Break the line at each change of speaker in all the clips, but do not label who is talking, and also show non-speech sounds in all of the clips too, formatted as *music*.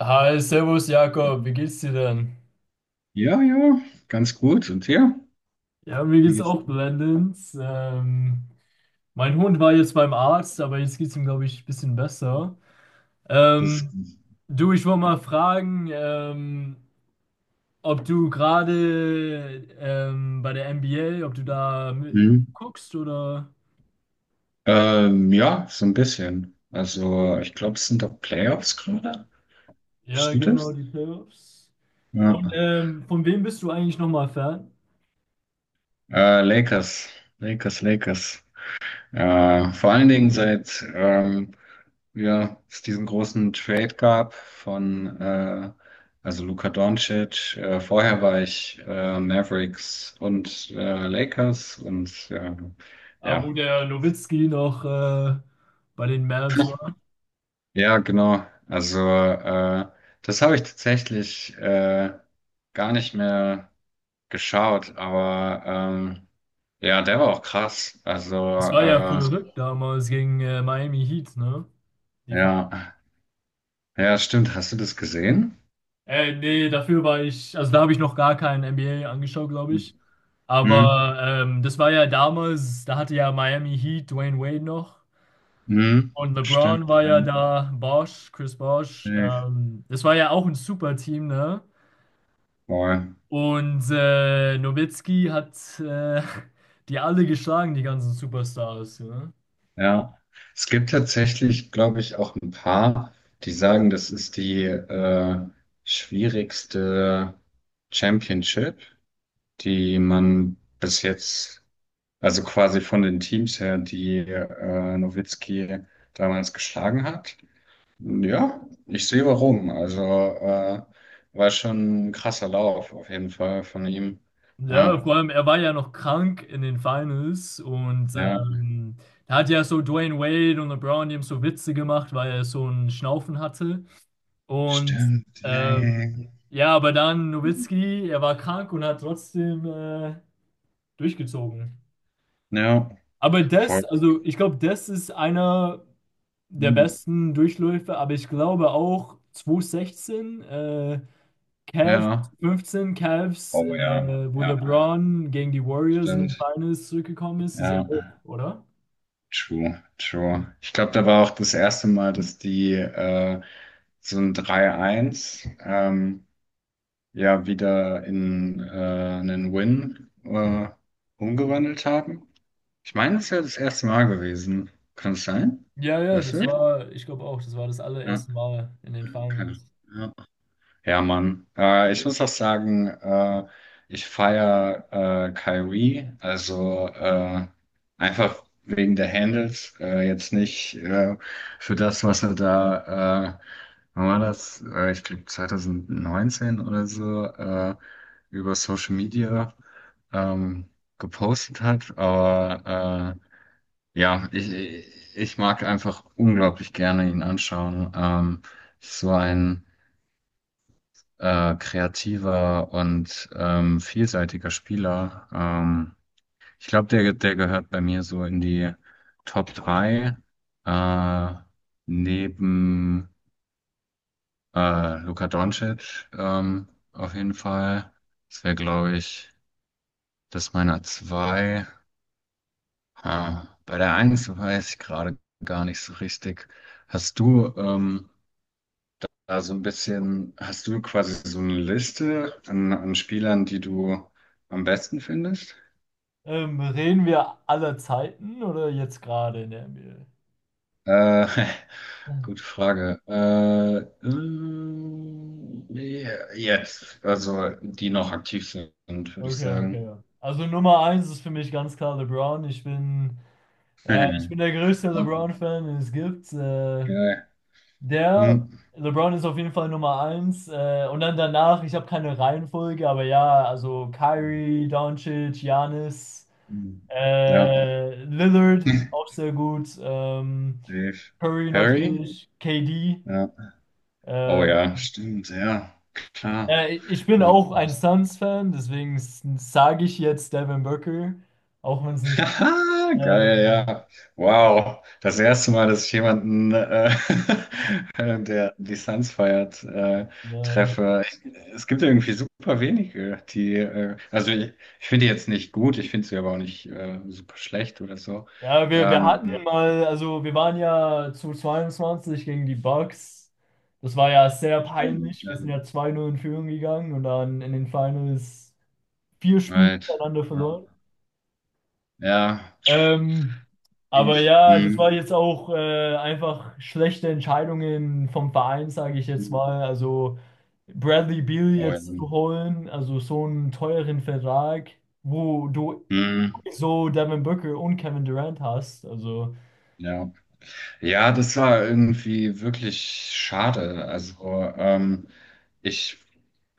Hi, Servus Jakob, wie geht's dir denn?
Ja, ja, ganz gut. Und ja,
Ja, mir
mir
geht's
geht's
auch blendend. Mein Hund war jetzt beim Arzt, aber jetzt geht's ihm, glaube ich, ein bisschen besser.
das,
Ähm, Du, ich wollte mal fragen, ob du gerade bei der NBA, ob du da
mhm.
guckst oder...
Ja, so ein bisschen. Also, ich glaube, es sind doch Playoffs gerade.
Ja,
Stimmt
genau,
das?
die Playoffs.
Ja.
Und von wem bist du eigentlich nochmal Fan?
Lakers, Lakers. Vor allen Dingen seit ja, es diesen großen Trade gab von also Luka Doncic. Vorher war ich Mavericks und Lakers und
Ah,
ja.
wo der Nowitzki noch bei den Mavs war.
Ja, genau. Also das habe ich tatsächlich gar nicht mehr geschaut, aber ja, der war auch krass. Also
Es war ja verrückt damals gegen Miami Heat, ne? Die Fa-
ja, ja, stimmt. Hast du das gesehen?
Nee, dafür war ich, also da habe ich noch gar keinen NBA angeschaut, glaube ich.
Mhm.
Aber das war ja damals, da hatte ja Miami Heat Dwayne Wade noch.
Mhm.
Und LeBron
Stimmt.
war
Ja.
ja da, Bosch, Chris Bosch.
Safe.
Das war ja auch ein super Team, ne?
Voll.
Und Nowitzki hat *laughs* die alle geschlagen, die ganzen Superstars, ja.
Ja. Es gibt tatsächlich, glaube ich, auch ein paar, die sagen, das ist die schwierigste Championship, die man bis jetzt, also quasi von den Teams her, die Nowitzki damals geschlagen hat. Ja, ich sehe warum. Also war schon ein krasser Lauf auf jeden Fall von ihm.
Ja,
Ja,
vor allem, er war ja noch krank in den Finals und
ja.
ähm, da hat ja so Dwayne Wade und LeBron, die haben so Witze gemacht, weil er so einen Schnaufen hatte. Und
Stimmt.
ähm,
Yay.
ja, aber dann Nowitzki, er war krank und hat trotzdem durchgezogen.
Ja, ja. Ja,
Aber das,
voll.
also ich glaube, das ist einer der
Hm.
besten Durchläufe, aber ich glaube auch 2016, Cavs
Ja.
15 Cavs,
Oh ja,
wo
ja.
LeBron gegen die Warriors in den
Stimmt.
Finals zurückgekommen ist, ist ja
Ja.
auch, oder?
True, true. Ich glaube, da war auch das erste Mal, dass die so ein 3-1 ja wieder in einen Win umgewandelt haben. Ich meine, das ist ja das erste Mal gewesen. Kann es sein?
Ja, ja,
Weißt
das
du?
war, ich glaube auch, das war das
Ja,
allererste Mal in den
okay.
Finals.
Ja. Ja, Mann. Ich muss auch sagen, ich feiere Kyrie, also einfach wegen der Handles, jetzt nicht für das, was er da, wann war das? Ich glaube 2019 oder so, über Social Media ähm, gepostet hat, aber ja, ich mag einfach unglaublich gerne ihn anschauen. So ein kreativer und vielseitiger Spieler. Ich glaube, der gehört bei mir so in die Top 3 äh, neben Luka Doncic auf jeden Fall. Das wäre, glaube ich, das meiner zwei. Ah, bei der eins weiß ich gerade gar nicht so richtig. Hast du also ein bisschen, hast du quasi so eine Liste an, an Spielern, die du am besten findest?
Reden wir aller Zeiten oder jetzt gerade in der NBA?
Äh, *laughs* gute Frage. Ja, jetzt, also die noch aktiv sind, würde ich
Okay,
sagen.
okay. Also Nummer eins ist für mich ganz klar LeBron. Ich bin der
*laughs*
größte LeBron-Fan, den es gibt. Äh,
Geil.
Der
Hm.
LeBron ist auf jeden Fall Nummer eins. Und dann danach, ich habe keine Reihenfolge, aber ja, also Kyrie, Doncic, Giannis,
Hm. Ja,
Lillard, auch
*laughs*
sehr gut.
safe.
Curry
Curry?
natürlich, KD.
Ja. Oh
Äh,
ja, stimmt, ja, klar.
Ich bin
Oh,
auch ein
Gott.
Suns-Fan, deswegen sage ich jetzt Devin Booker, auch wenn es
*laughs*
nicht
Haha, geil,
ähm,
ja. Wow, das erste Mal, dass ich jemanden, *laughs* der die Suns feiert,
äh,
treffe. Es gibt irgendwie super wenige, die, ich finde die jetzt nicht gut, ich finde sie aber auch nicht super schlecht oder so.
ja, wir hatten
Ja.
mal, also wir waren ja zu 22 gegen die Bucks. Das war ja sehr
Stimmt,
peinlich. Wir sind ja 2-0 in Führung gegangen und dann in den Finals 4 Spiele
right,
hintereinander
ja,
verloren.
ja,
Ähm, aber
tief,
ja,
hm,
das war jetzt auch einfach schlechte Entscheidungen vom Verein, sage ich jetzt
hm,
mal. Also Bradley Beal
oh, ja,
jetzt zu holen, also so einen teuren Vertrag, wo du
hm,
so Devin Booker und Kevin Durant hast. Also.
ja. Ja, das war irgendwie wirklich schade. Also, ähm, ich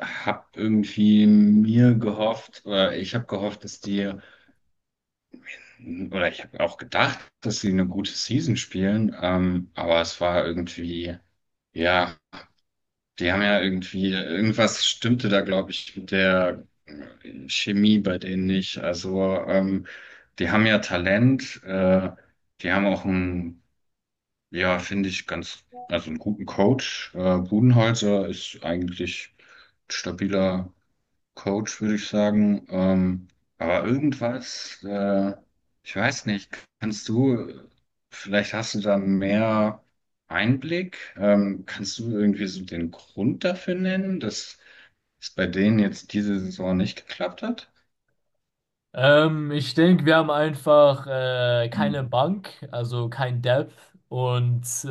habe irgendwie mir gehofft, oder ich habe gehofft, dass die, oder ich habe auch gedacht, dass sie eine gute Season spielen, aber es war irgendwie, ja, die haben ja irgendwie, irgendwas stimmte da, glaube ich, mit der Chemie bei denen nicht. Also, die haben ja Talent, die haben auch einen, ja, finde ich, ganz, also einen guten Coach. Budenholzer ist eigentlich stabiler Coach, würde ich sagen. Aber irgendwas, ich weiß nicht, kannst du, vielleicht hast du da mehr Einblick, kannst du irgendwie so den Grund dafür nennen, dass es bei denen jetzt diese Saison nicht geklappt hat?
Ich denke, wir haben einfach keine
Hm.
Bank, also kein Depth. Und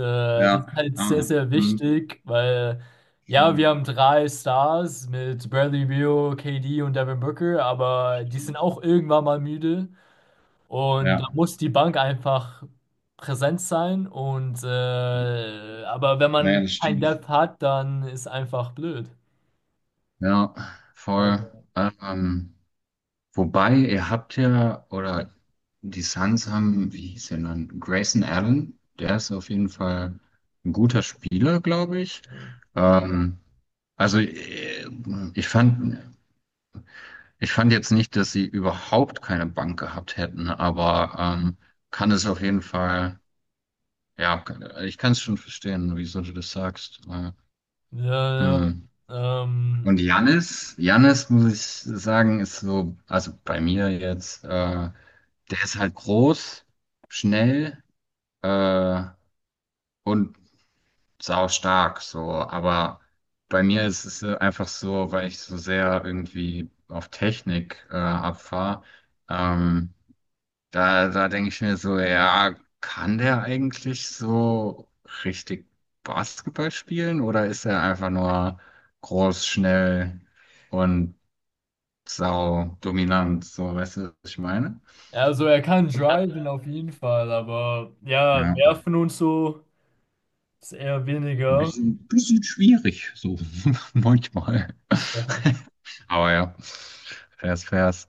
das
Ja,
ist halt sehr,
ah,
sehr
hm.
wichtig, weil ja,
Hm.
wir haben 3 Stars mit Bradley Beal, KD und Devin Booker, aber die sind
Stimmt.
auch irgendwann mal müde. Und da
Ja,
muss die Bank einfach präsent sein. Und aber wenn man
naja, das
kein
stimmt.
Depth hat, dann ist einfach blöd.
Ja, voll.
Also,
Wobei, ihr habt ja, oder die Suns haben, wie hieß der dann? Grayson Allen, der ist auf jeden Fall ein guter Spieler, glaube ich. Ähm, also ich fand, ich fand jetzt nicht, dass sie überhaupt keine Bank gehabt hätten, aber kann es auf jeden Fall, ja, ich kann es schon verstehen, wieso du das sagst.
ja, ja.
Hm. Und Jannis, Jannis muss ich sagen, ist so, also bei mir jetzt, der ist halt groß, schnell äh, und saustark, so. Aber bei mir ist es einfach so, weil ich so sehr irgendwie auf Technik abfahre, ähm, da denke ich mir so, ja, kann der eigentlich so richtig Basketball spielen oder ist er einfach nur groß, schnell? Und sau dominant, so, weißt du, was ich meine?
Ja, also er kann driven auf jeden Fall, aber ja,
Ja,
werfen und so ist eher
ein
weniger.
bisschen schwierig, so *laughs* manchmal.
Ja.
Aber ja, fairs, fairs.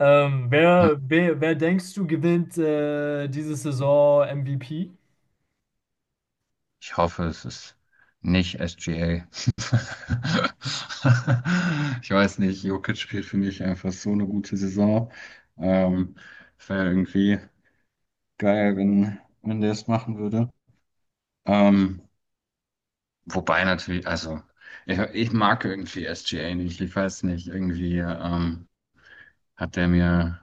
Hm,
Wer denkst du gewinnt diese Saison MVP?
ich hoffe, es ist nicht SGA. *laughs* Ich weiß nicht, Jokic spielt für mich einfach so eine gute Saison. Ähm, wäre irgendwie geil, wenn der es machen würde. Ähm, wobei natürlich, ich mag irgendwie SGA nicht, ich weiß nicht, irgendwie. Hat der mir,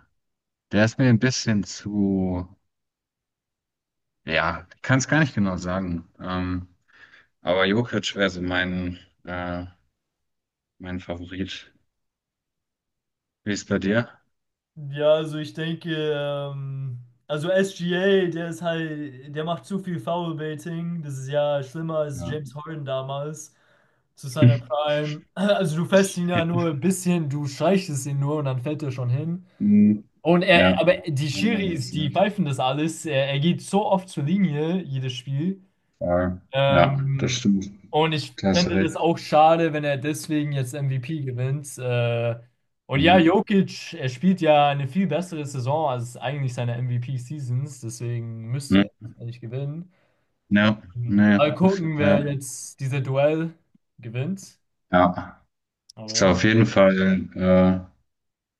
der ist mir ein bisschen zu, ja, ich kann es gar nicht genau sagen. Aber Jokic wäre so mein, äh, mein Favorit. Wie ist bei dir?
Ja, also ich denke, also SGA, der ist halt, der macht zu viel Foulbaiting. Das ist ja schlimmer als
Ja.
James Harden damals zu seiner
*laughs*
Prime. Also du fährst ihn ja nur ein bisschen, du streichst es ihn nur und dann fällt er schon hin.
Hm.
Und
Ja.
aber die
Wenn man
Schiris,
das
die
nicht.
pfeifen das alles. Er geht so oft zur Linie, jedes Spiel.
Äh, ja, das
Ähm,
stimmt.
und ich
Klasse
fände das
recht.
auch schade, wenn er deswegen jetzt MVP gewinnt. Und ja,
Mhm.
Jokic, er spielt ja eine viel bessere Saison als eigentlich seine MVP-Seasons, deswegen müsste er
Hm.
das eigentlich gewinnen.
Ja, naja,
Mal
das-
gucken, wer
ja.
jetzt dieses Duell gewinnt.
Ja.
Aber
Ist
ja.
auf jeden Fall,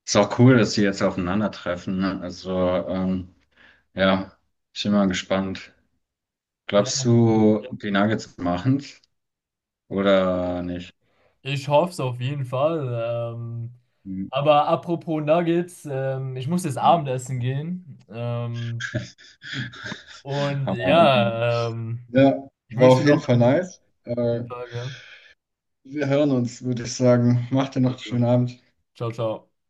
ist auch cool, dass die jetzt aufeinandertreffen, ne? Also, ähm, ja, ich bin mal gespannt. Glaubst du, die Nuggets machen's oder nicht?
Ich hoffe es auf jeden Fall.
Hm.
Aber apropos Nuggets, ich muss jetzt
*laughs*
Abendessen gehen. Und
Aber okay.
ja, ähm,
Ja,
Ich
war
wünsche dir
auf jeden
noch
Fall
einen
nice.
schönen Tag. Ja.
Wir hören uns, würde ich sagen. Macht dir noch einen
Also,
schönen Abend.
ciao, ciao.